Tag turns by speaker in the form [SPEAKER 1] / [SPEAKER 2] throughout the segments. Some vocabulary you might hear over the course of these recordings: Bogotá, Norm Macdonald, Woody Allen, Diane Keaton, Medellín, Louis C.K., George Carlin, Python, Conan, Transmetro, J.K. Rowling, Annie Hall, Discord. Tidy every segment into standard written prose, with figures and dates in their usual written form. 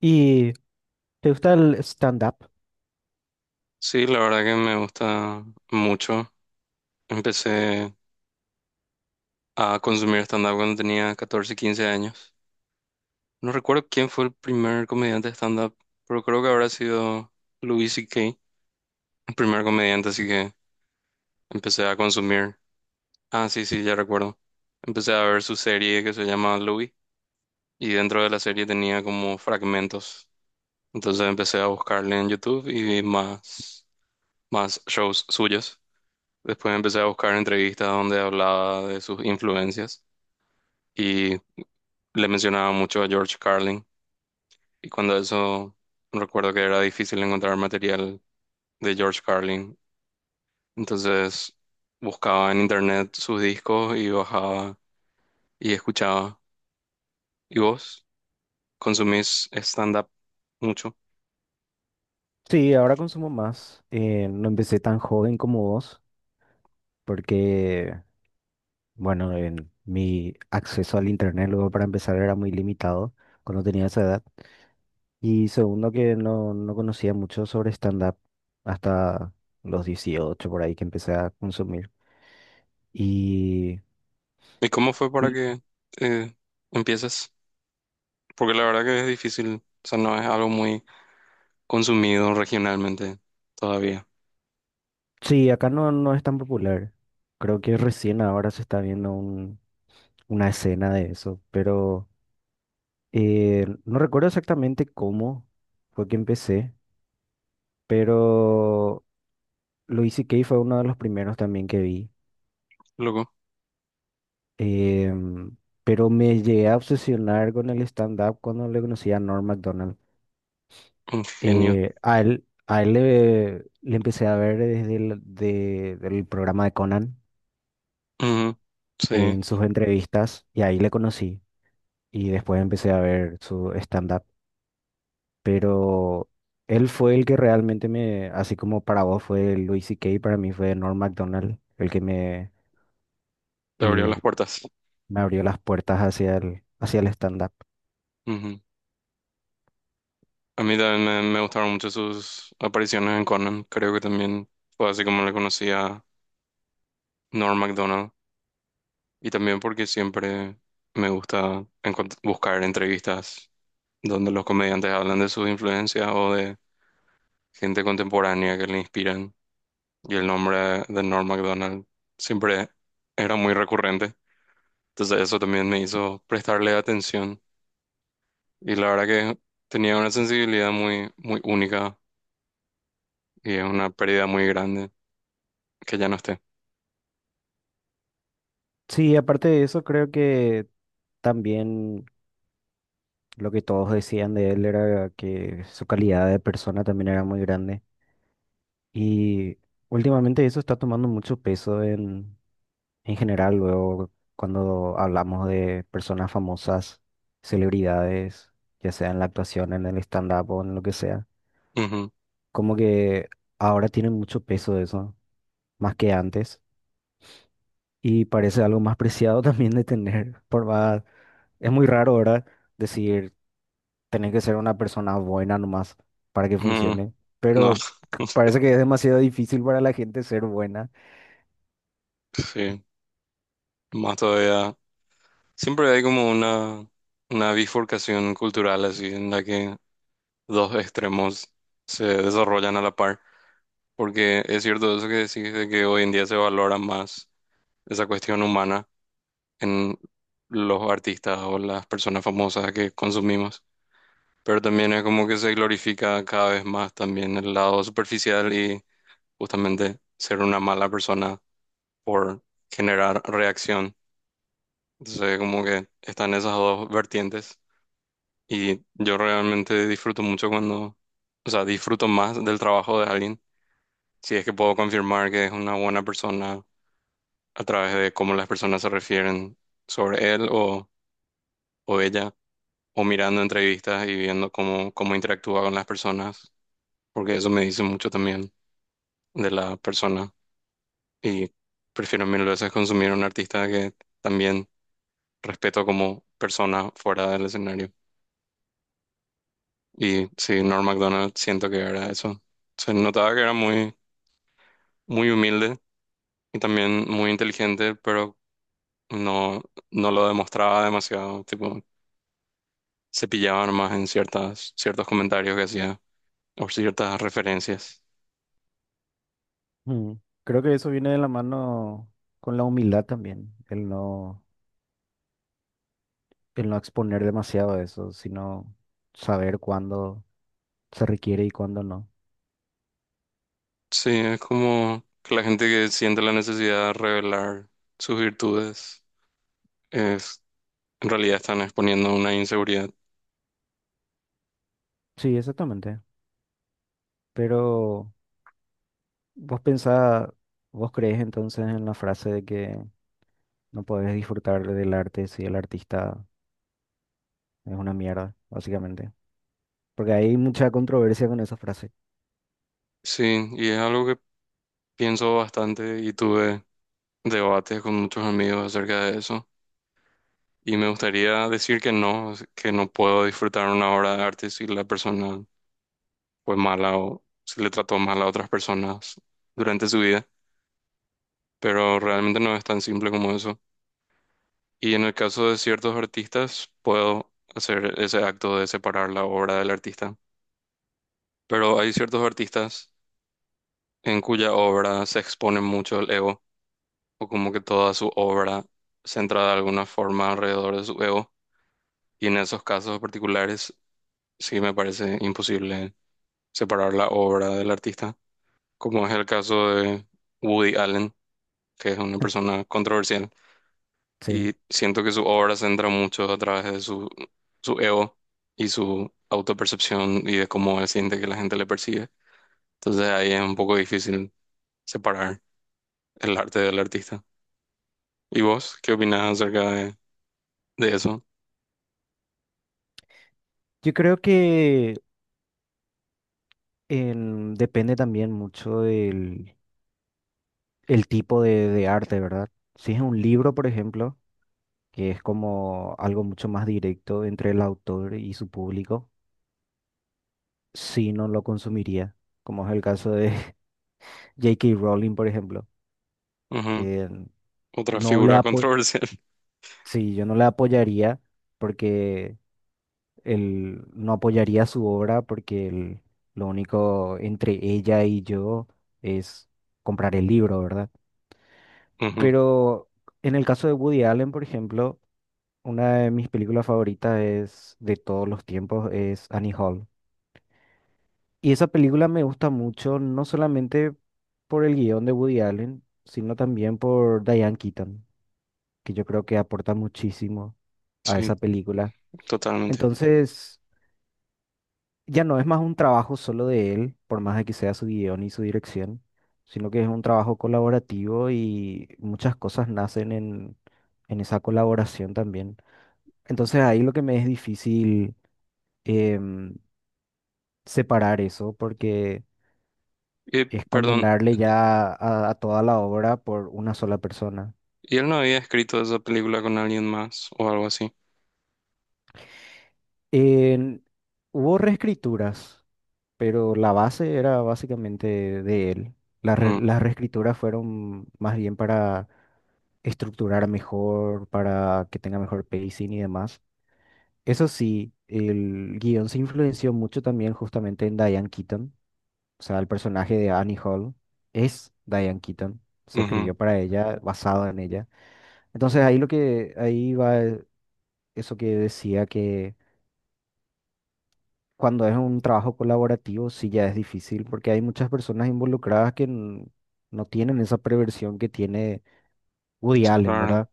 [SPEAKER 1] ¿Y te gusta el stand-up?
[SPEAKER 2] Sí, la verdad que me gusta mucho. Empecé a consumir stand-up cuando tenía 14 15 años. No recuerdo quién fue el primer comediante de stand-up, pero creo que habrá sido Louis C.K., el primer comediante, así que empecé a consumir. Ah, sí, sí, ya recuerdo. Empecé a ver su serie que se llama Louis y dentro de la serie tenía como fragmentos. Entonces empecé a buscarle en YouTube y vi más shows suyos. Después empecé a buscar entrevistas donde hablaba de sus influencias, y le mencionaba mucho a George Carlin. Y cuando eso, recuerdo que era difícil encontrar material de George Carlin. Entonces buscaba en internet sus discos y bajaba y escuchaba. ¿Y vos consumís stand-up mucho?
[SPEAKER 1] Sí, ahora consumo más. No empecé tan joven como vos, porque, bueno, en mi acceso al internet luego para empezar era muy limitado cuando tenía esa edad. Y segundo, que no conocía mucho sobre stand-up hasta los 18 por ahí que empecé a consumir. Y
[SPEAKER 2] ¿Y cómo fue para
[SPEAKER 1] y
[SPEAKER 2] que eh, empieces? Porque la verdad que es difícil, o sea, no es algo muy consumido regionalmente todavía.
[SPEAKER 1] sí, acá no es tan popular. Creo que recién ahora se está viendo una escena de eso, pero... No recuerdo exactamente cómo fue que empecé, pero Louis C.K. fue uno de los primeros también que vi.
[SPEAKER 2] Loco,
[SPEAKER 1] Em, pero me llegué a obsesionar con el stand-up cuando le conocí a Norm Macdonald.
[SPEAKER 2] un genio.
[SPEAKER 1] A él le empecé a ver desde del programa de Conan
[SPEAKER 2] Ujú. Sí,
[SPEAKER 1] en sus entrevistas y ahí le conocí. Y después empecé a ver su stand-up. Pero él fue el que realmente me, así como para vos fue Louis C.K., para mí fue Norm Macdonald, el que me,
[SPEAKER 2] te abrió
[SPEAKER 1] eh,
[SPEAKER 2] las puertas.
[SPEAKER 1] me abrió las puertas hacia hacia el stand-up.
[SPEAKER 2] Ujú. A mí también me gustaron mucho sus apariciones en Conan. Creo que también fue así como le conocí a Norm Macdonald. Y también porque siempre me gusta buscar entrevistas donde los comediantes hablan de sus influencias o de gente contemporánea que le inspiran. Y el nombre de Norm Macdonald siempre era muy recurrente. Entonces eso también me hizo prestarle atención. Y la verdad que tenía una sensibilidad muy, muy única y es una pérdida muy grande que ya no esté.
[SPEAKER 1] Sí, aparte de eso, creo que también lo que todos decían de él era que su calidad de persona también era muy grande. Y últimamente eso está tomando mucho peso en general, luego cuando hablamos de personas famosas, celebridades, ya sea en la actuación, en el stand-up o en lo que sea,
[SPEAKER 2] Ujú.
[SPEAKER 1] como que ahora tienen mucho peso eso, más que antes, y parece algo más preciado también de tener, por más, es muy raro ahora decir, tenés que ser una persona buena nomás para que
[SPEAKER 2] Mm,
[SPEAKER 1] funcione,
[SPEAKER 2] no,
[SPEAKER 1] pero parece que es demasiado difícil para la gente ser buena.
[SPEAKER 2] sí, más todavía. Siempre hay como una bifurcación cultural así en la que dos extremos se desarrollan a la par, porque es cierto eso que decís de que hoy en día se valora más esa cuestión humana en los artistas o las personas famosas que consumimos, pero también es como que se glorifica cada vez más también el lado superficial y justamente ser una mala persona por generar reacción. Entonces, como que están esas dos vertientes y yo realmente disfruto mucho cuando, o sea, disfruto más del trabajo de alguien, si es que puedo confirmar que es una buena persona a través de cómo las personas se refieren sobre él o ella, o mirando entrevistas y viendo cómo interactúa con las personas, porque eso me dice mucho también de la persona y prefiero mil veces consumir a un artista que también respeto como persona fuera del escenario. Y sí, Norm Macdonald siento que era eso. Se notaba que era muy, muy humilde y también muy inteligente, pero no, no lo demostraba demasiado. Tipo, se pillaba nomás en ciertas, ciertos comentarios que hacía o ciertas referencias.
[SPEAKER 1] Mm. Creo que eso viene de la mano con la humildad también, el no exponer demasiado eso, sino saber cuándo se requiere y cuándo no.
[SPEAKER 2] Sí, es como que la gente que siente la necesidad de revelar sus virtudes, es, en realidad están exponiendo una inseguridad.
[SPEAKER 1] Sí, exactamente. Pero vos pensás, vos crees entonces en la frase de que no podés disfrutar del arte si el artista es una mierda, básicamente. Porque hay mucha controversia con esa frase.
[SPEAKER 2] Sí, y es algo que pienso bastante y tuve debates con muchos amigos acerca de eso. Y me gustaría decir que no puedo disfrutar una obra de arte si la persona fue mala o si le trató mal a otras personas durante su vida, pero realmente no es tan simple como eso. Y en el caso de ciertos artistas, puedo hacer ese acto de separar la obra del artista, pero hay ciertos artistas en cuya obra se expone mucho el ego, o como que toda su obra centra de alguna forma alrededor de su ego, y en esos casos particulares sí me parece imposible separar la obra del artista, como es el caso de Woody Allen, que es una persona controversial,
[SPEAKER 1] Sí.
[SPEAKER 2] y siento que su obra se centra mucho a través de su ego y su autopercepción y de cómo él siente que la gente le percibe. Entonces ahí es un poco difícil separar el arte del artista. ¿Y vos qué opinás acerca de eso?
[SPEAKER 1] Yo creo que depende también mucho del el tipo de arte, ¿verdad? Si es un libro, por ejemplo, que es como algo mucho más directo entre el autor y su público, si no lo consumiría, como es el caso de J.K. Rowling, por ejemplo.
[SPEAKER 2] Ujú.
[SPEAKER 1] Eh,
[SPEAKER 2] Otra
[SPEAKER 1] no le
[SPEAKER 2] figura
[SPEAKER 1] apo-
[SPEAKER 2] controversial.
[SPEAKER 1] sí, yo no le apoyaría porque él no apoyaría su obra porque lo único entre ella y yo es comprar el libro, ¿verdad?
[SPEAKER 2] Ujú.
[SPEAKER 1] Pero en el caso de Woody Allen, por ejemplo, una de mis películas favoritas es de todos los tiempos es Annie Hall. Y esa película me gusta mucho, no solamente por el guión de Woody Allen, sino también por Diane Keaton, que yo creo que aporta muchísimo a
[SPEAKER 2] Sí,
[SPEAKER 1] esa película.
[SPEAKER 2] totalmente.
[SPEAKER 1] Entonces, ya no es más un trabajo solo de él, por más de que sea su guión y su dirección, sino que es un trabajo colaborativo y muchas cosas nacen en esa colaboración también. Entonces, ahí lo que me es difícil em, separar eso, porque...
[SPEAKER 2] Y,
[SPEAKER 1] es
[SPEAKER 2] perdón,
[SPEAKER 1] condenarle ya a toda la obra por una sola persona.
[SPEAKER 2] ¿y él no había escrito esa película con alguien más o algo así?
[SPEAKER 1] En- Hubo reescrituras, pero la base era básicamente de él.
[SPEAKER 2] No.
[SPEAKER 1] Las reescrituras fueron más bien para estructurar mejor, para que tenga mejor pacing y demás. Eso sí, el guión se influenció mucho también justamente en Diane Keaton, o sea, el personaje de Annie Hall es Diane Keaton, se
[SPEAKER 2] Ujú,
[SPEAKER 1] escribió para ella, basado en ella. Entonces ahí lo que ahí va eso que decía que cuando es un trabajo colaborativo sí ya es difícil porque hay muchas personas involucradas que no tienen esa preversión que tiene Woody Allen,
[SPEAKER 2] claro,
[SPEAKER 1] ¿verdad?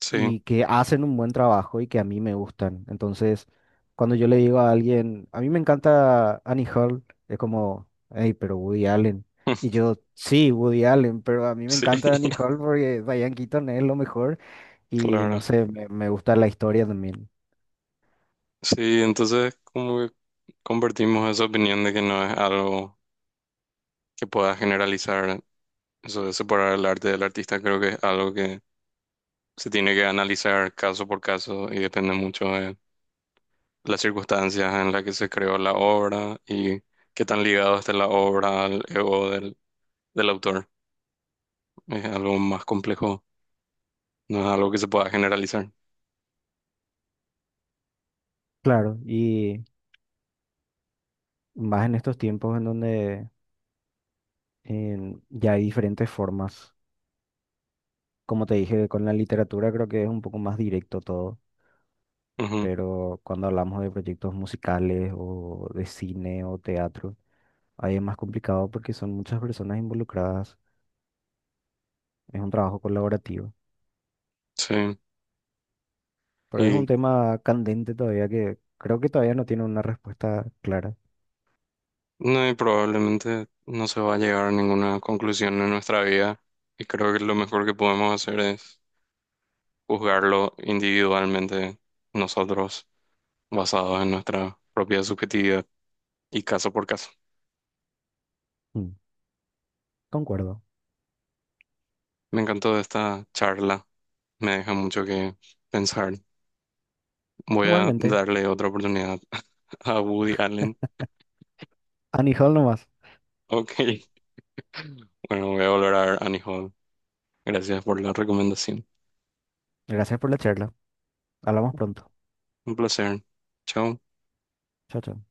[SPEAKER 2] sí,
[SPEAKER 1] Y que hacen un buen trabajo y que a mí me gustan. Entonces, cuando yo le digo a alguien, a mí me encanta Annie Hall, es como, hey, pero Woody Allen. Y yo, sí, Woody Allen, pero a mí me
[SPEAKER 2] sí,
[SPEAKER 1] encanta Annie Hall porque Diane Keaton es lo mejor y
[SPEAKER 2] claro.
[SPEAKER 1] no sé, me gusta la historia también.
[SPEAKER 2] Sí, entonces como que convertimos esa opinión de que no es algo que pueda generalizar, eso de separar el arte del artista, creo que es algo que se tiene que analizar caso por caso y depende mucho de las circunstancias en las que se creó la obra y qué tan ligado está la obra al ego del autor. Es algo más complejo, no es algo que se pueda generalizar.
[SPEAKER 1] Claro, y más en estos tiempos en donde ya hay diferentes formas. Como te dije, con la literatura creo que es un poco más directo todo,
[SPEAKER 2] Ujú,
[SPEAKER 1] pero cuando hablamos de proyectos musicales o de cine o teatro, ahí es más complicado porque son muchas personas involucradas, es un trabajo colaborativo, pero es un
[SPEAKER 2] sí.
[SPEAKER 1] tema candente todavía que creo que todavía no tiene una respuesta clara.
[SPEAKER 2] No, y probablemente no se va a llegar a ninguna conclusión en nuestra vida. Y creo que lo mejor que podemos hacer es juzgarlo individualmente nosotros, basados en nuestra propia subjetividad y caso por caso.
[SPEAKER 1] Mm, concuerdo.
[SPEAKER 2] Me encantó esta charla, me deja mucho que pensar. Voy a
[SPEAKER 1] Igualmente,
[SPEAKER 2] darle otra oportunidad a Woody Allen.
[SPEAKER 1] anijal nomás.
[SPEAKER 2] Ok, bueno, voy a volver a ver Annie Hall. Gracias por la recomendación.
[SPEAKER 1] Gracias por la charla. Hablamos pronto.
[SPEAKER 2] Un placer. Chao.
[SPEAKER 1] Chao, chao.